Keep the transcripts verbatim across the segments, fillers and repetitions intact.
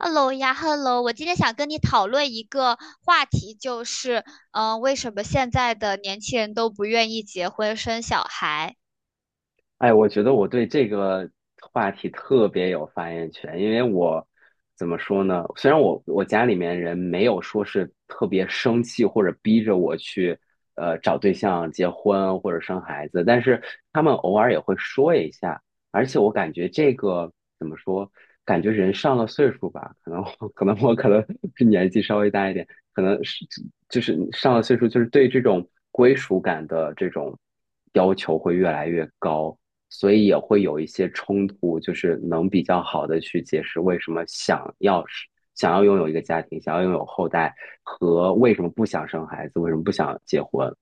Hello 呀，Hello，我今天想跟你讨论一个话题，就是，嗯、为什么现在的年轻人都不愿意结婚生小孩？哎，我觉得我对这个话题特别有发言权，因为我怎么说呢？虽然我我家里面人没有说是特别生气或者逼着我去呃找对象、结婚或者生孩子，但是他们偶尔也会说一下，而且我感觉这个怎么说？感觉人上了岁数吧，可能我 可能我可能是年纪稍微大一点，可能是就是上了岁数，就是对这种归属感的这种要求会越来越高。所以也会有一些冲突，就是能比较好的去解释为什么想要是想要拥有一个家庭，想要拥有后代，和为什么不想生孩子，为什么不想结婚。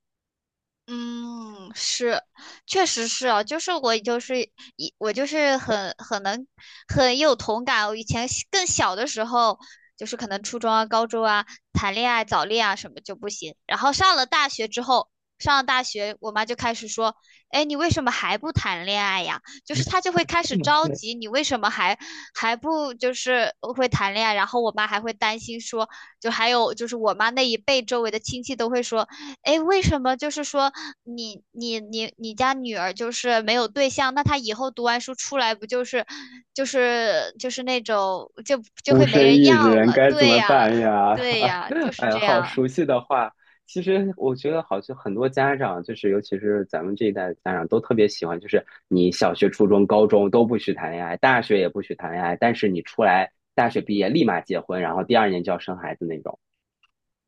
嗯，是，确实是啊，就是我就是一我就是很很能很有同感。我以前小更小的时候，就是可能初中啊、高中啊，谈恋爱、早恋啊什么就不行。然后上了大学之后，上了大学，我妈就开始说：“哎，你为什么还不谈恋爱呀？”就是她就会开始着急，你为什么还还不就是会谈恋爱？然后我妈还会担心说，就还有就是我妈那一辈周围的亲戚都会说。诶，为什么就是说你你你你家女儿就是没有对象，那她以后读完书出来不就是就是就是那种就就孤会没身人一要人了？该怎对么呀，办呀？对呀，就 是哎呀，这好样。熟悉的话。其实我觉得好像很多家长，就是尤其是咱们这一代的家长，都特别喜欢，就是你小学、初中、高中都不许谈恋爱，大学也不许谈恋爱，但是你出来大学毕业立马结婚，然后第二年就要生孩子那种。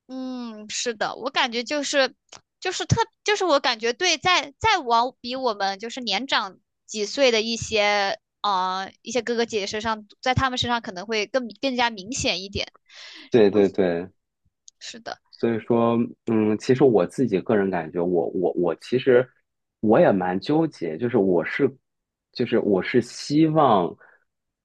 嗯，是的，我感觉就是就是特就是我感觉对，在在往比我们就是年长几岁的一些呃一些哥哥姐姐身上，在他们身上可能会更更加明显一点。对对对，是的。所以说，嗯，其实我自己个人感觉我，我我其实我也蛮纠结，就是我是，就是我是希望，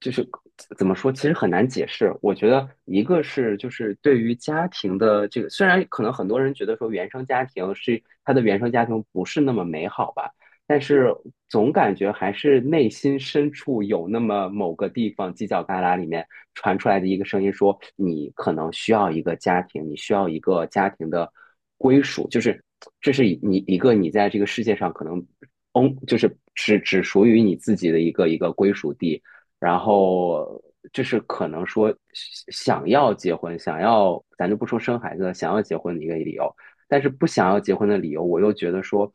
就是怎么说，其实很难解释。我觉得一个是就是对于家庭的这个，虽然可能很多人觉得说原生家庭是他的原生家庭不是那么美好吧。但是总感觉还是内心深处有那么某个地方犄角旮旯里面传出来的一个声音说，你可能需要一个家庭，你需要一个家庭的归属，就是这是你一个你在这个世界上可能，嗯，就是只只属于你自己的一个一个归属地，然后这是可能说想要结婚，想要咱就不说生孩子想要结婚的一个理由。但是不想要结婚的理由，我又觉得说，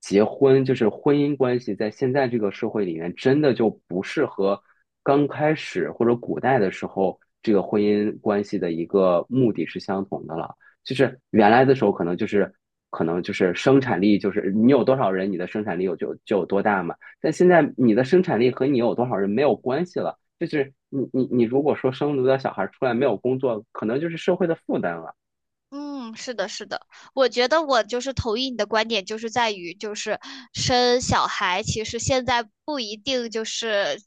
结婚就是婚姻关系，在现在这个社会里面，真的就不是和刚开始或者古代的时候这个婚姻关系的一个目的是相同的了。就是原来的时候，可能就是可能就是生产力，就是你有多少人，你的生产力有就就有多大嘛。但现在你的生产力和你有多少人没有关系了，就是你你你如果说生了个小孩出来没有工作，可能就是社会的负担了。嗯，是的，是的，我觉得我就是同意你的观点，就是在于就是生小孩，其实现在不一定就是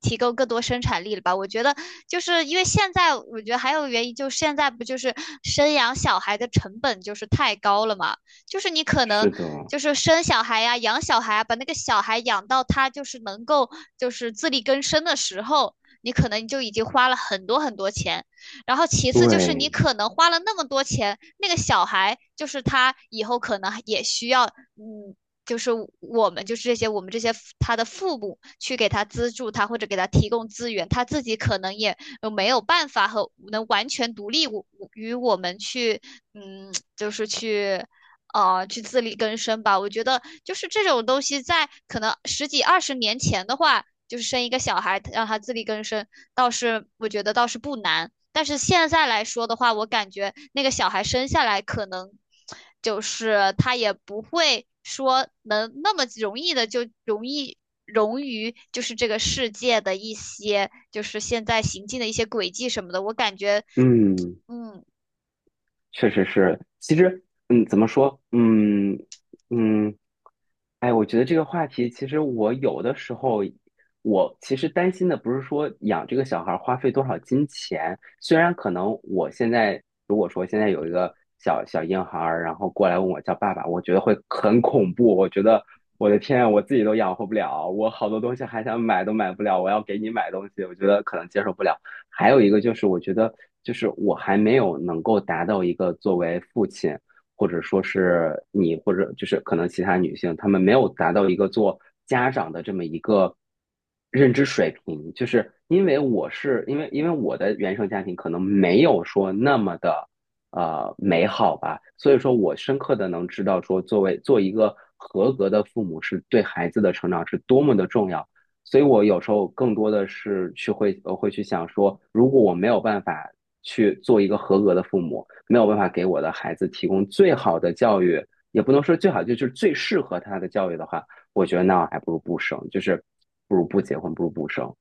提供更多生产力了吧？我觉得就是因为现在，我觉得还有原因就是现在不就是生养小孩的成本就是太高了嘛？就是你可能是的，就是生小孩呀、养小孩啊把那个小孩养到他就是能够就是自力更生的时候，你可能就已经花了很多很多钱。然后其次就是你对。可能花了那么多钱，那个小孩就是他以后可能也需要，嗯，就是我们就是这些我们这些他的父母去给他资助他或者给他提供资源，他自己可能也呃没有办法和能完全独立于我们去，嗯，就是去。呃，去自力更生吧。我觉得就是这种东西，在可能十几二十年前的话，就是生一个小孩让他自力更生，倒是我觉得倒是不难。但是现在来说的话，我感觉那个小孩生下来可能就是他也不会说能那么容易的就容易融于就是这个世界的一些就是现在行进的一些轨迹什么的。我感觉，嗯，嗯确实是。其实，嗯，怎么说？嗯嗯，哎，我觉得这个话题，其实我有的时候，我其实担心的不是说养这个小孩儿花费多少金钱，虽然可能我现在如果说现在有一个小小婴孩儿，然后过来问我叫爸爸，我觉得会很恐怖，我觉得我的天啊，我自己都养活不了，我好多东西还想买都买不了，我要给你买东西，我觉得可能接受不了。还有一个就是，我觉得就是我还没有能够达到一个作为父亲。或者说是你，或者就是可能其他女性，她们没有达到一个做家长的这么一个认知水平，就是因为我是因为因为我的原生家庭可能没有说那么的呃美好吧，所以说我深刻的能知道说，作为做一个合格的父母是对孩子的成长是多么的重要。所以我有时候更多的是去会呃会去想说，如果我没有办法去做一个合格的父母，没有办法给我的孩子提供最好的教育，也不能说最好，就是最适合他的教育的话，我觉得那我还不如不生，就是不如不结婚，不如不生。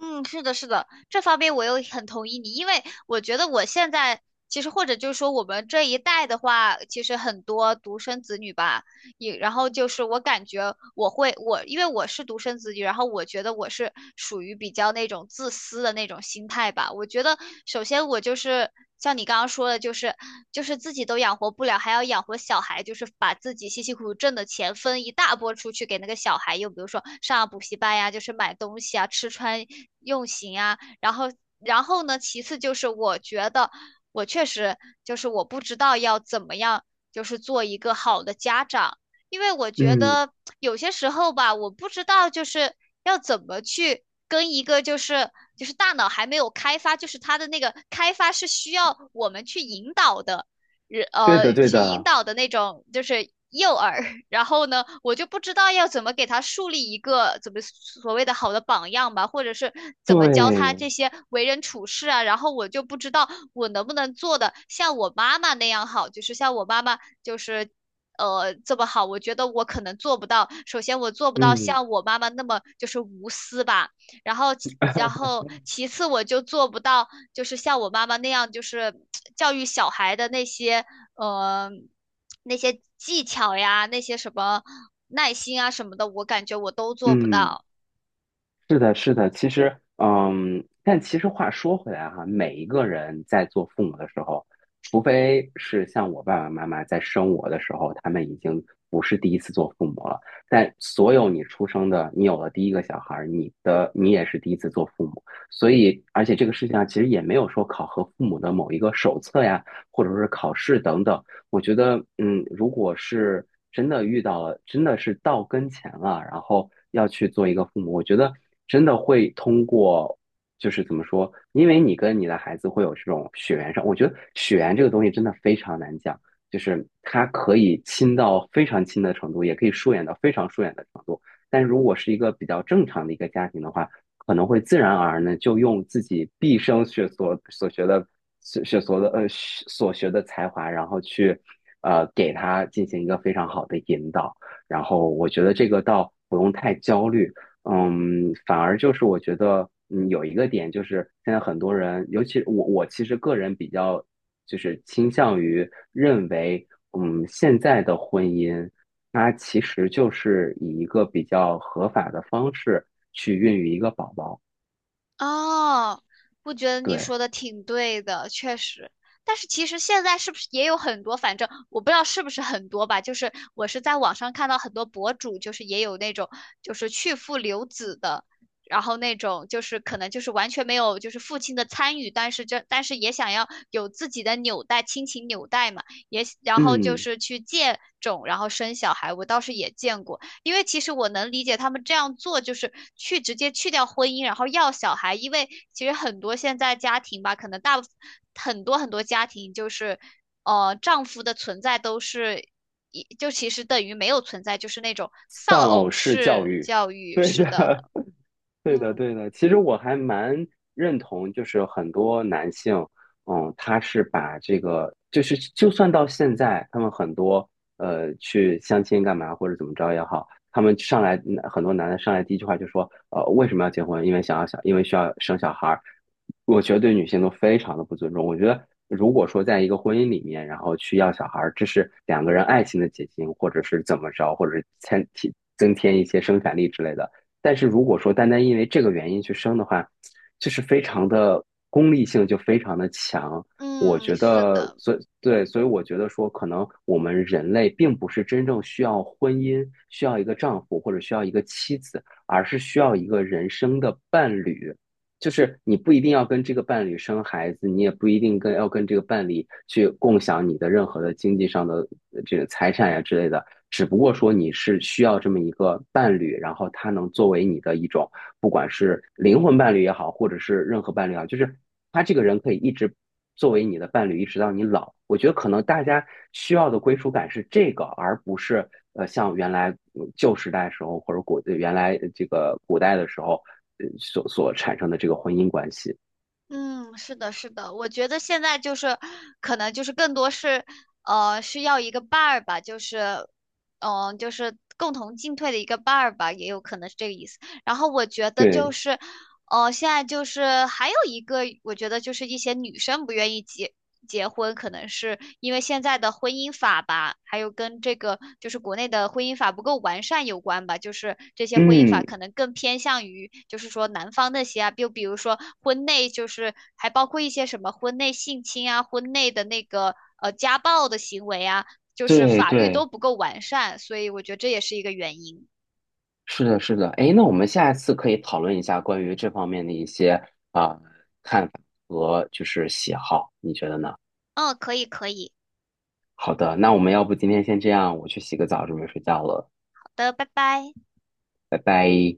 嗯，是的，是的，这方面我又很同意你，因为我觉得我现在。其实，或者就是说，我们这一代的话，其实很多独生子女吧，也然后就是我感觉我会我因为我是独生子女，然后我觉得我是属于比较那种自私的那种心态吧。我觉得首先我就是像你刚刚说的，就是就是自己都养活不了，还要养活小孩，就是把自己辛辛苦苦挣的钱分一大波出去给那个小孩，又比如说上补习班呀，就是买东西啊，吃穿用行啊，然后然后呢，其次就是我觉得。我确实就是我不知道要怎么样，就是做一个好的家长，因为我觉嗯，得有些时候吧，我不知道就是要怎么去跟一个就是就是大脑还没有开发，就是他的那个开发是需要我们去引导的，人对的，呃对去引的，导的那种就是诱饵。然后呢，我就不知道要怎么给他树立一个怎么所谓的好的榜样吧，或者是怎么教他对，这些为人处事啊。然后我就不知道我能不能做的像我妈妈那样好，就是像我妈妈就是呃这么好，我觉得我可能做不到。首先，我做不到嗯。像我妈妈那么就是无私吧，然后其然后其次，我就做不到就是像我妈妈那样，就是教育小孩的那些呃那些技巧呀，那些什么耐心啊什么的，我感觉我都做不嗯。到。是的，是的，其实，嗯，但其实话说回来哈，每一个人在做父母的时候，除非是像我爸爸妈妈在生我的时候，他们已经不是第一次做父母了，但所有你出生的，你有了第一个小孩儿，你的你也是第一次做父母，所以，而且这个事情上其实也没有说考核父母的某一个手册呀，或者是考试等等，我觉得，嗯，如果是真的遇到了，真的是到跟前了，然后要去做一个父母，我觉得真的会通过，就是怎么说，因为你跟你的孩子会有这种血缘上，我觉得血缘这个东西真的非常难讲，就是它可以亲到非常亲的程度，也可以疏远到非常疏远的程度。但如果是一个比较正常的一个家庭的话，可能会自然而然的就用自己毕生学所所学的所学所的呃所学的才华，然后去呃给他进行一个非常好的引导。然后我觉得这个倒不用太焦虑，嗯，反而就是我觉得嗯有一个点就是现在很多人，尤其我我其实个人比较就是倾向于认为，嗯现在的婚姻。它其实就是以一个比较合法的方式去孕育一个宝宝。哦，我觉得你对，说的挺对的，确实。但是其实现在是不是也有很多？反正我不知道是不是很多吧。就是我是在网上看到很多博主，就是也有那种就是去父留子的，然后那种就是可能就是完全没有就是父亲的参与，但是这但是也想要有自己的纽带，亲情纽带嘛，也然后就嗯，是去借种，然后生小孩，我倒是也见过。因为其实我能理解他们这样做，就是去直接去掉婚姻，然后要小孩。因为其实很多现在家庭吧，可能大部分很多很多家庭就是，呃，丈夫的存在都是一就其实等于没有存在，就是那种丧丧偶偶式教式育，教育对是的，的。对的，嗯对的。其实我还蛮认同，就是很多男性，嗯，他是把这个，就是就算到现在，他们很多呃去相亲干嘛或者怎么着也好，他们上来嗯很多男的上来第一句话就说，呃，为什么要结婚？因为想要小，因为需要生小孩儿。我觉得对女性都非常的不尊重。我觉得如果说在一个婚姻里面，然后去要小孩儿，这是两个人爱情的结晶，或者是怎么着，或者是添提增添一些生产力之类的。但是如果说单单因为这个原因去生的话，就是非常的功利性就非常的强。我嗯，觉是得，的。所以对，所以我觉得说，可能我们人类并不是真正需要婚姻，需要一个丈夫或者需要一个妻子，而是需要一个人生的伴侣。就是你不一定要跟这个伴侣生孩子，你也不一定跟要跟这个伴侣去共享你的任何的经济上的呃这个财产呀之类的，只不过说你是需要这么一个伴侣，然后他能作为你的一种，不管是灵魂伴侣也好，或者是任何伴侣也好，就是他这个人可以一直作为你的伴侣一直到你老。我觉得可能大家需要的归属感是这个，而不是呃像原来嗯旧时代的时候或者古呃原来呃这个古代的时候呃所所产生的这个婚姻关系。嗯，是的，是的，我觉得现在就是，可能就是更多是，呃，需要一个伴儿吧，就是，嗯、就是共同进退的一个伴儿吧，也有可能是这个意思。然后我觉得就对，是，呃，现在就是还有一个，我觉得就是一些女生不愿意结结婚，可能是因为现在的婚姻法吧，还有跟这个就是国内的婚姻法不够完善有关吧。就是这些婚姻法嗯，可能更偏向于就是说男方那些啊，就比如说婚内就是还包括一些什么婚内性侵啊、婚内的那个呃家暴的行为啊，就是对法律都对，不够完善，所以我觉得这也是一个原因。是的，是的。哎，那我们下一次可以讨论一下关于这方面的一些啊、呃看法和就是喜好，你觉得呢？嗯，可以可以。好的，那我们要不今天先这样，我去洗个澡，准备睡觉了，好的，拜拜。拜拜。